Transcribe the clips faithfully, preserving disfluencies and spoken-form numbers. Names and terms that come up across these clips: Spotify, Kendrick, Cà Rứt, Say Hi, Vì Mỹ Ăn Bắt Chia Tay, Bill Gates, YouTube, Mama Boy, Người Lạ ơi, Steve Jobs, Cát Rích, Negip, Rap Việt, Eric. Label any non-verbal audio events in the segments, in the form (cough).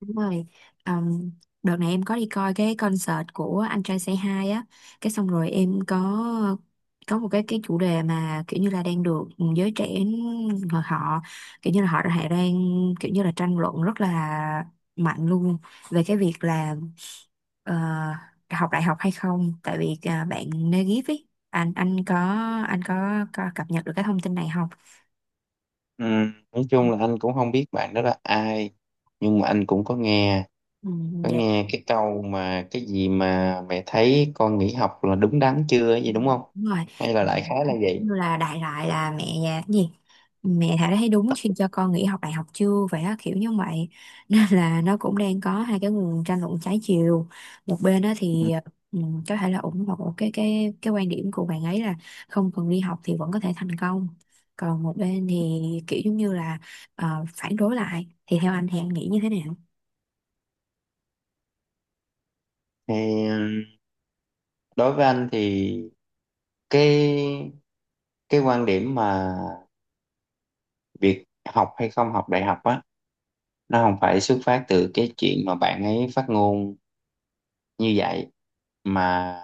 Đúng rồi. Ờm, Đợt này em có đi coi cái concert của anh trai Say Hi á, cái xong rồi em có có một cái cái chủ đề mà kiểu như là đang được giới trẻ họ họ- kiểu như là họ đã đang kiểu như là tranh luận rất là mạnh luôn về cái việc là ờ, học đại học hay không, tại vì à, bạn Negip ấy, anh anh có anh có, có cập nhật được cái thông tin này không? Ừ, nói chung là anh cũng không biết bạn đó là ai, nhưng mà anh cũng có nghe Ừ, có dạ. nghe cái câu mà cái gì mà mẹ thấy con nghỉ học là đúng đắn chưa ấy Ừ, gì, đúng không? đúng rồi. Hay là Ừ, đại khái là vậy. như là đại loại là mẹ nhà cái gì, mẹ Thảo đã thấy đúng khi cho con nghỉ học đại học chưa vậy á, kiểu như vậy (laughs) nên là nó cũng đang có hai cái nguồn tranh luận trái chiều. Một bên đó Ừ. thì ừ, có thể là ủng hộ cái cái cái quan điểm của bạn ấy là không cần đi học thì vẫn có thể thành công. Còn một bên thì kiểu giống như là ờ, phản đối lại. Thì theo anh thì anh nghĩ như thế nào? Thì ừ, đối với anh thì cái cái quan điểm mà việc học hay không học đại học á, nó không phải xuất phát từ cái chuyện mà bạn ấy phát ngôn như vậy, mà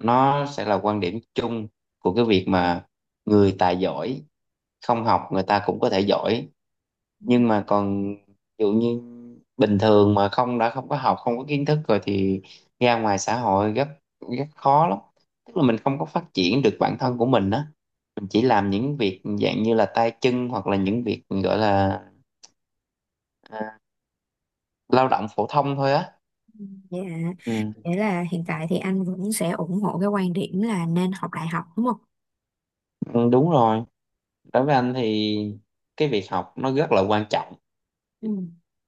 nó sẽ là quan điểm chung của cái việc mà người tài giỏi không học người ta cũng có thể giỏi. Nhưng mà còn ví dụ như bình thường mà không đã không có học, không có kiến thức rồi thì ra ngoài xã hội rất rất khó lắm. Tức là mình không có phát triển được bản thân của mình á, mình chỉ làm những việc dạng như là tay chân, hoặc là những việc gọi là à, lao động phổ thông thôi á. Dạ, Ừ. nghĩa là hiện tại thì anh vẫn sẽ ủng hộ cái quan điểm là nên học đại học đúng không? Ừ, đúng rồi. Đối với anh thì cái việc học nó rất là quan trọng. Ừ.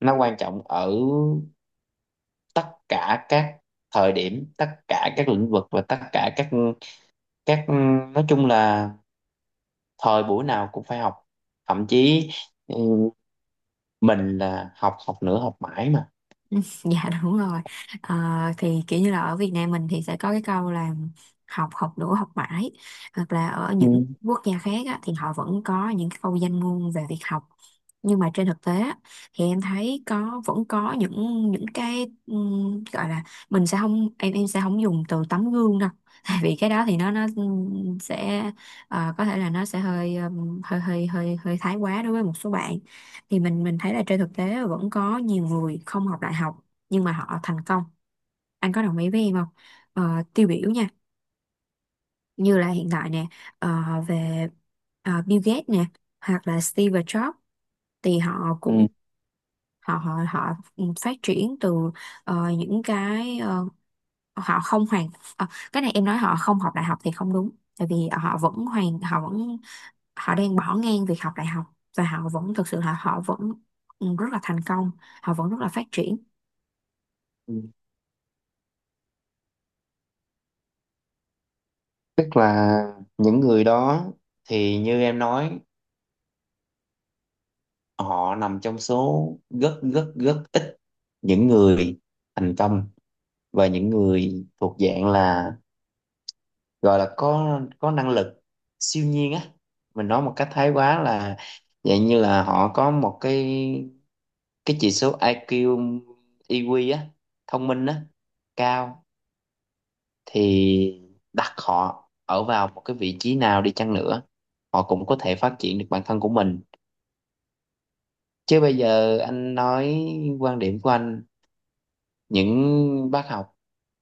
Nó quan trọng ở tất cả các thời điểm, tất cả các lĩnh vực và tất cả các các nói chung là thời buổi nào cũng phải học. Thậm chí ừ, mình là học, học nữa, học mãi mà. (laughs) Dạ đúng rồi. Ờ, thì kiểu như là ở Việt Nam mình thì sẽ có cái câu là học học đủ học mãi, hoặc là ở Ừ. những quốc gia khác á, thì họ vẫn có những cái câu danh ngôn về việc học. Nhưng mà trên thực tế á, thì em thấy có vẫn có những những cái ừm, gọi là, mình sẽ không, em em sẽ không dùng từ tấm gương đâu (laughs) tại vì cái đó thì nó nó ừm, sẽ ờ, có thể là nó sẽ hơi ừm, hơi hơi hơi hơi thái quá đối với một số bạn. Thì mình mình thấy là trên thực tế là vẫn có nhiều người không học đại học nhưng mà họ thành công. Anh có đồng ý với em không? Ờ, tiêu biểu nha, như là hiện tại nè, ờ, về ờ, Bill Gates nè, hoặc là Steve Jobs, thì họ cũng Ừ. họ họ họ phát triển từ ờ, những cái ờ, họ không hoàn ờ, cái này em nói họ không học đại học thì không đúng, tại vì họ vẫn hoàn họ vẫn họ đang bỏ ngang việc học đại học và họ vẫn thực sự là họ vẫn ừ, rất là thành công, họ vẫn rất là phát triển. Ừ. Tức là những người đó thì như em nói, họ nằm trong số rất rất rất ít những người thành công, và những người thuộc dạng là gọi là có có năng lực siêu nhiên á. Mình nói một cách thái quá là dạng như là họ có một cái cái chỉ số ai kiu, e quy á, thông minh á, cao. Thì đặt họ ở vào một cái vị trí nào đi chăng nữa, họ cũng có thể phát triển được bản thân của mình. Chứ bây giờ anh nói quan điểm của anh, những bác học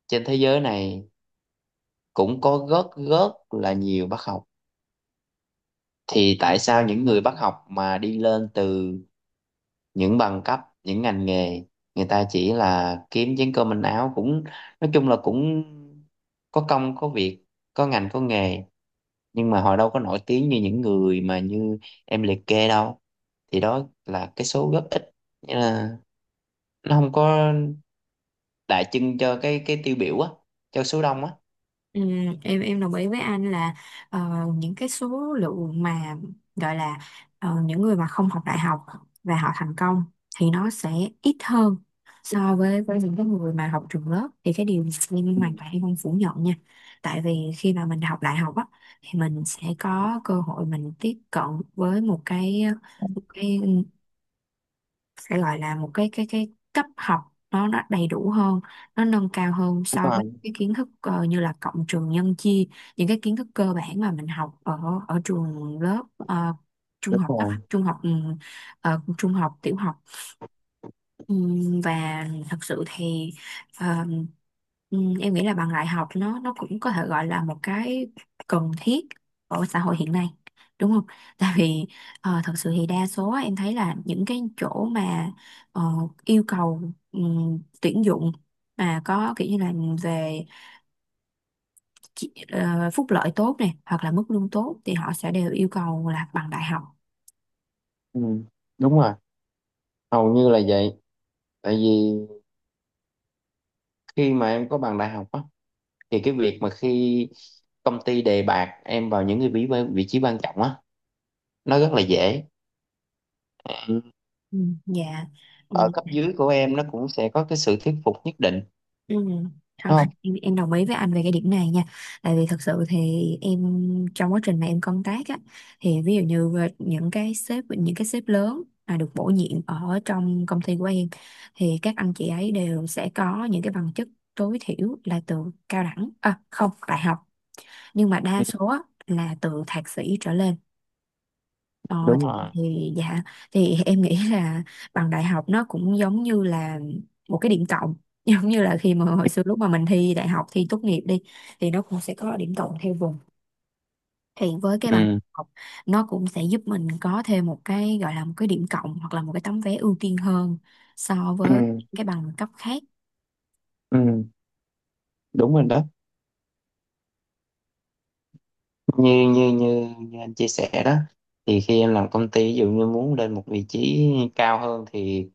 trên thế giới này cũng có rất rất là nhiều bác học, thì tại sao những người bác học mà đi lên từ những bằng cấp, những ngành nghề, người ta chỉ là kiếm chén cơm manh áo, cũng nói chung là cũng có công có việc, có ngành có nghề, nhưng mà họ đâu có nổi tiếng như những người mà như em liệt kê đâu. Thì đó là cái số góp ích. Nghĩa là nó không có đại trưng cho cái cái tiêu biểu á, cho số đông á. Ừ, em em đồng ý với anh là ờ, những cái số lượng mà gọi là ờ, những người mà không học đại học và họ thành công thì nó sẽ ít hơn so với với những cái người mà học trường lớp. Thì cái điều này em Ừ, hoàn toàn em không phủ nhận nha, tại vì khi mà mình học đại học á, thì mình sẽ có cơ hội mình tiếp cận với một cái một cái sẽ gọi là một cái cái cái cấp học, nó nó đầy đủ hơn, nó nâng cao hơn đúng so với rồi. cái kiến thức ờ, như là cộng trừ nhân chia, những cái kiến thức cơ bản mà mình học ở ở trường lớp, ờ, trung Đúng học cấp rồi. trung học ừ, ờ, trung học tiểu học. Ừm, và thật sự thì ờ, ừm, em nghĩ là bằng đại học nó nó cũng có thể gọi là một cái cần thiết ở xã hội hiện nay đúng không? (laughs) Tại vì ờ, thật sự thì đa số á, em thấy là những cái chỗ mà ờ, yêu cầu ừm, tuyển dụng mà có kiểu như là về chi- ờ, phúc lợi tốt này hoặc là mức lương tốt thì họ sẽ đều yêu cầu là bằng đại học. Ừ, đúng rồi. Hầu như là vậy. Tại vì khi mà em có bằng đại học á, thì cái việc mà khi công ty đề bạt em vào những cái vị vị trí quan trọng á, nó rất là dễ. Ừ. Ừ, dạ. Ở cấp dưới của em nó cũng sẽ có cái sự thuyết phục nhất định, Ừ. Không, đúng không? em, em đồng ý với anh về cái điểm này nha, tại vì thật sự thì em trong quá trình mà em công tác á, thì ví dụ như về những cái sếp những cái sếp lớn mà được bổ nhiệm ở trong công ty của em, thì các anh chị ấy đều sẽ có những cái bằng chức tối thiểu là từ cao đẳng à, không, đại học, nhưng mà đa Ừ, số á, là từ thạc sĩ trở lên. Ờ, đúng thì, rồi. thì dạ, thì em nghĩ là bằng đại học nó cũng giống như là một cái điểm cộng (laughs) giống như là khi mà hồi xưa lúc mà mình thi đại học thi tốt nghiệp đi, thì nó cũng sẽ có điểm cộng theo vùng, thì với cái bằng Ừ. học nó cũng sẽ giúp mình có thêm một cái gọi là một cái điểm cộng hoặc là một cái tấm vé ưu tiên hơn so với Ừ. cái bằng cấp khác. Ừ, đúng rồi đó. Như như như như anh chia sẻ đó, thì khi em làm công ty ví dụ như muốn lên một vị trí cao hơn, thì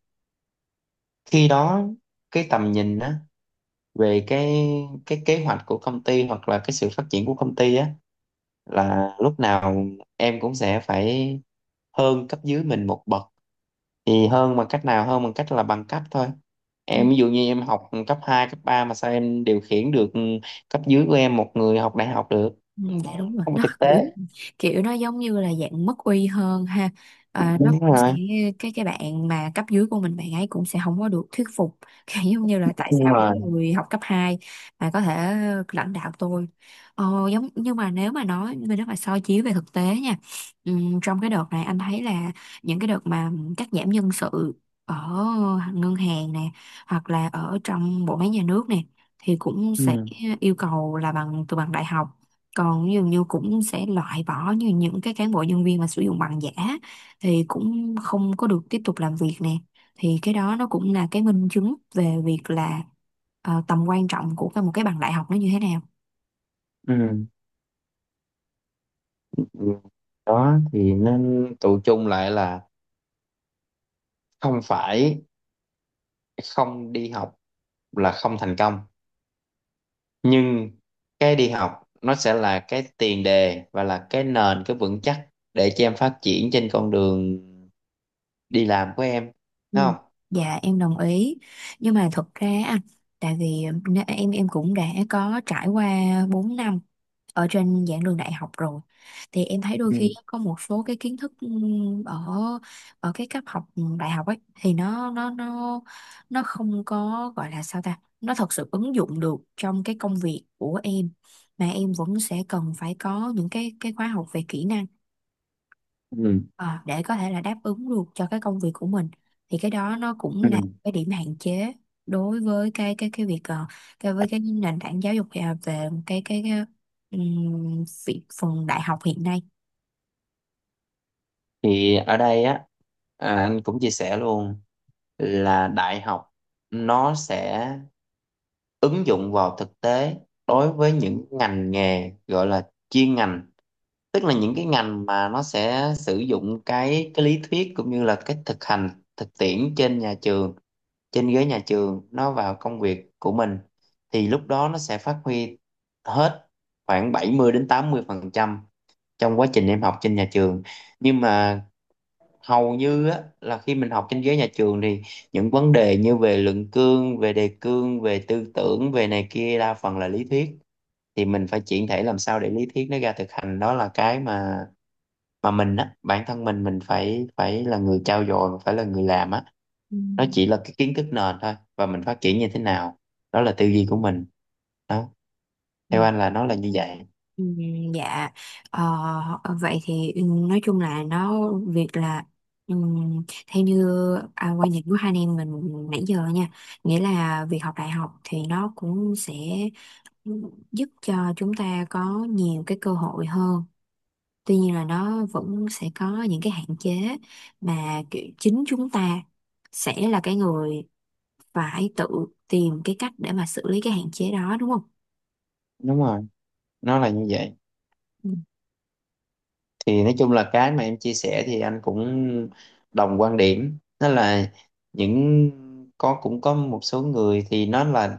khi đó cái tầm nhìn á, về cái cái kế hoạch của công ty hoặc là cái sự phát triển của công ty á, là lúc nào em cũng sẽ phải hơn cấp dưới mình một bậc. Thì hơn bằng cách nào? Hơn bằng cách là bằng cấp thôi. Ừ. Em ví dụ như em học cấp hai, cấp ba mà sao em điều khiển được cấp dưới của em một người học đại học được? Ừ, nó, dạ đúng nó rồi, không có nó thực kiểu tế. kiểu nó giống như là dạng mất uy hơn ha. À, nó Đúng cũng sẽ, rồi. cái cái bạn mà cấp dưới của mình bạn ấy cũng sẽ không có được thuyết phục (laughs) kiểu giống như là tại Đúng sao rồi. mấy người học cấp hai mà có thể lãnh đạo tôi. Ờ, giống nhưng mà nếu mà nói, nếu mà soi chiếu về thực tế nha, ừm, trong cái đợt này anh thấy là những cái đợt mà cắt giảm nhân sự ở ngân hàng nè hoặc là ở trong bộ máy nhà nước nè, thì cũng sẽ Ừ. yêu cầu là bằng từ bằng đại học, còn dường như cũng sẽ loại bỏ như những cái cán bộ nhân viên mà sử dụng bằng giả thì cũng không có được tiếp tục làm việc nè. Thì cái đó nó cũng là cái minh chứng về việc là ờ, tầm quan trọng của cái một cái bằng đại học nó như thế nào. Ừ. Ừ. Đó, thì nên tụ chung lại là không phải không đi học là không thành công, nhưng cái đi học nó sẽ là cái tiền đề và là cái nền, cái vững chắc để cho em phát triển trên con đường đi làm của em, Ừ. đúng không? Dạ em đồng ý, nhưng mà thật ra á, tại vì nè- em em cũng đã có trải qua bốn năm ở trên giảng đường đại học rồi, thì em thấy đôi Ừ. khi có một số cái kiến thức ừm, ở ở cái cấp học đại học ấy thì nó nó nó nó không có gọi là sao ta, nó thật sự ứng dụng được trong cái công việc của em, mà em vẫn sẽ cần phải có những cái cái khóa học về kỹ năng. Ừ. Ờ, để có thể là đáp ứng được cho cái công việc của mình, thì cái đó nó Ừ. cũng là cái điểm hạn chế đối với cái cái cái việc ờ, cái với cái nền tảng giáo dục ờ, về cái cái, cái ừm, việc phần đại học hiện nay. Thì ở đây á, à, anh cũng chia sẻ luôn là đại học nó sẽ ứng dụng vào thực tế đối với những ngành nghề gọi là chuyên ngành. Tức là những cái ngành mà nó sẽ sử dụng cái cái lý thuyết cũng như là cái thực hành, thực tiễn trên nhà trường, trên ghế nhà trường, nó vào công việc của mình, thì lúc đó nó sẽ phát huy hết khoảng bảy mươi đến tám mươi phần trăm trong quá trình em học trên nhà trường. Nhưng mà hầu như á, là khi mình học trên ghế nhà trường thì những vấn đề như về luận cương, về đề cương, về tư tưởng, về này kia đa phần là lý thuyết. Thì mình phải chuyển thể làm sao để lý thuyết nó ra thực hành, đó là cái mà mà mình á, bản thân mình mình phải phải là người trau dồi, phải là người làm á. Ừ. Nó chỉ là cái kiến thức nền thôi, và mình phát triển như thế nào, đó là tư duy của mình. Đó, Ừ. theo anh là nó là như vậy. Ừ, dạ. Ờ, vậy thì ừ, nói chung là nó việc là ừm, theo như à, quan điểm của hai anh em mình nãy giờ nha, nghĩa là việc học đại học thì nó cũng sẽ giúp cho chúng ta có nhiều cái cơ hội hơn, tuy nhiên là nó vẫn sẽ có những cái hạn chế mà kiểu chính chúng ta sẽ là cái người phải tự tìm cái cách để mà xử lý cái hạn chế đó đúng không? Đúng rồi, nó là như vậy. Ừ. Thì nói chung là cái mà em chia sẻ thì anh cũng đồng quan điểm. Đó là những có cũng có một số người thì nó là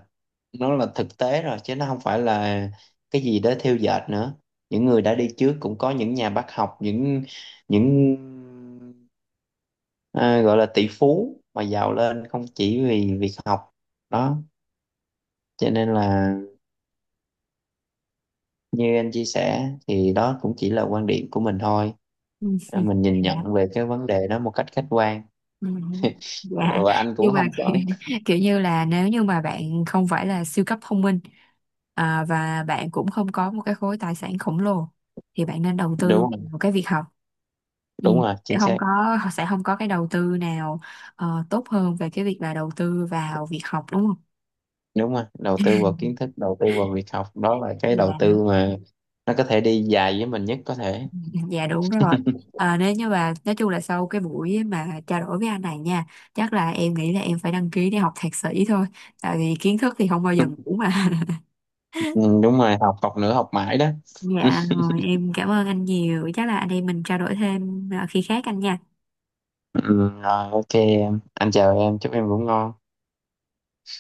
nó là thực tế rồi, chứ nó không phải là cái gì đó thêu dệt nữa. Những người đã đi trước cũng có những nhà bác học, những những à, gọi là tỷ phú mà giàu lên không chỉ vì việc học đó. Cho nên là, như anh chia sẻ, thì đó cũng chỉ là quan điểm của mình thôi, mình nhìn Ừ. nhận về cái vấn đề đó một cách khách quan. Ừ, dạ. Ờ, và anh Nhưng cũng mà không (laughs) kiểu, có. kiểu như là nếu như mà bạn không phải là siêu cấp thông minh, à, và bạn cũng không có một cái khối tài sản khổng lồ, thì bạn nên đầu tư Đúng rồi. vào cái việc học. Ừ. Đúng rồi, Sẽ chính không xác. có (laughs) sẽ không có cái đầu tư nào ờ, tốt hơn về cái việc là đầu tư vào việc học đúng không? Đúng rồi, đầu tư vào kiến thức, đầu tư vào việc học, đó là cái đầu Dạ, tư mà nó có thể đi dài với mình nhất có thể. (laughs) dạ đúng rồi. À, nếu như mà nói chung là sau cái buổi mà trao đổi với anh này nha, chắc là em nghĩ là em phải đăng ký để học thạc sĩ thôi. Tại vì kiến thức thì không bao giờ (laughs) ngủ mà. Ừ, đúng rồi, học, học nữa, học mãi đó. Dạ rồi em cảm ơn anh nhiều. Chắc là anh em mình trao đổi thêm à, khi khác anh nha. Ừ, rồi ok em. Anh chào em, chúc em ngủ ngon.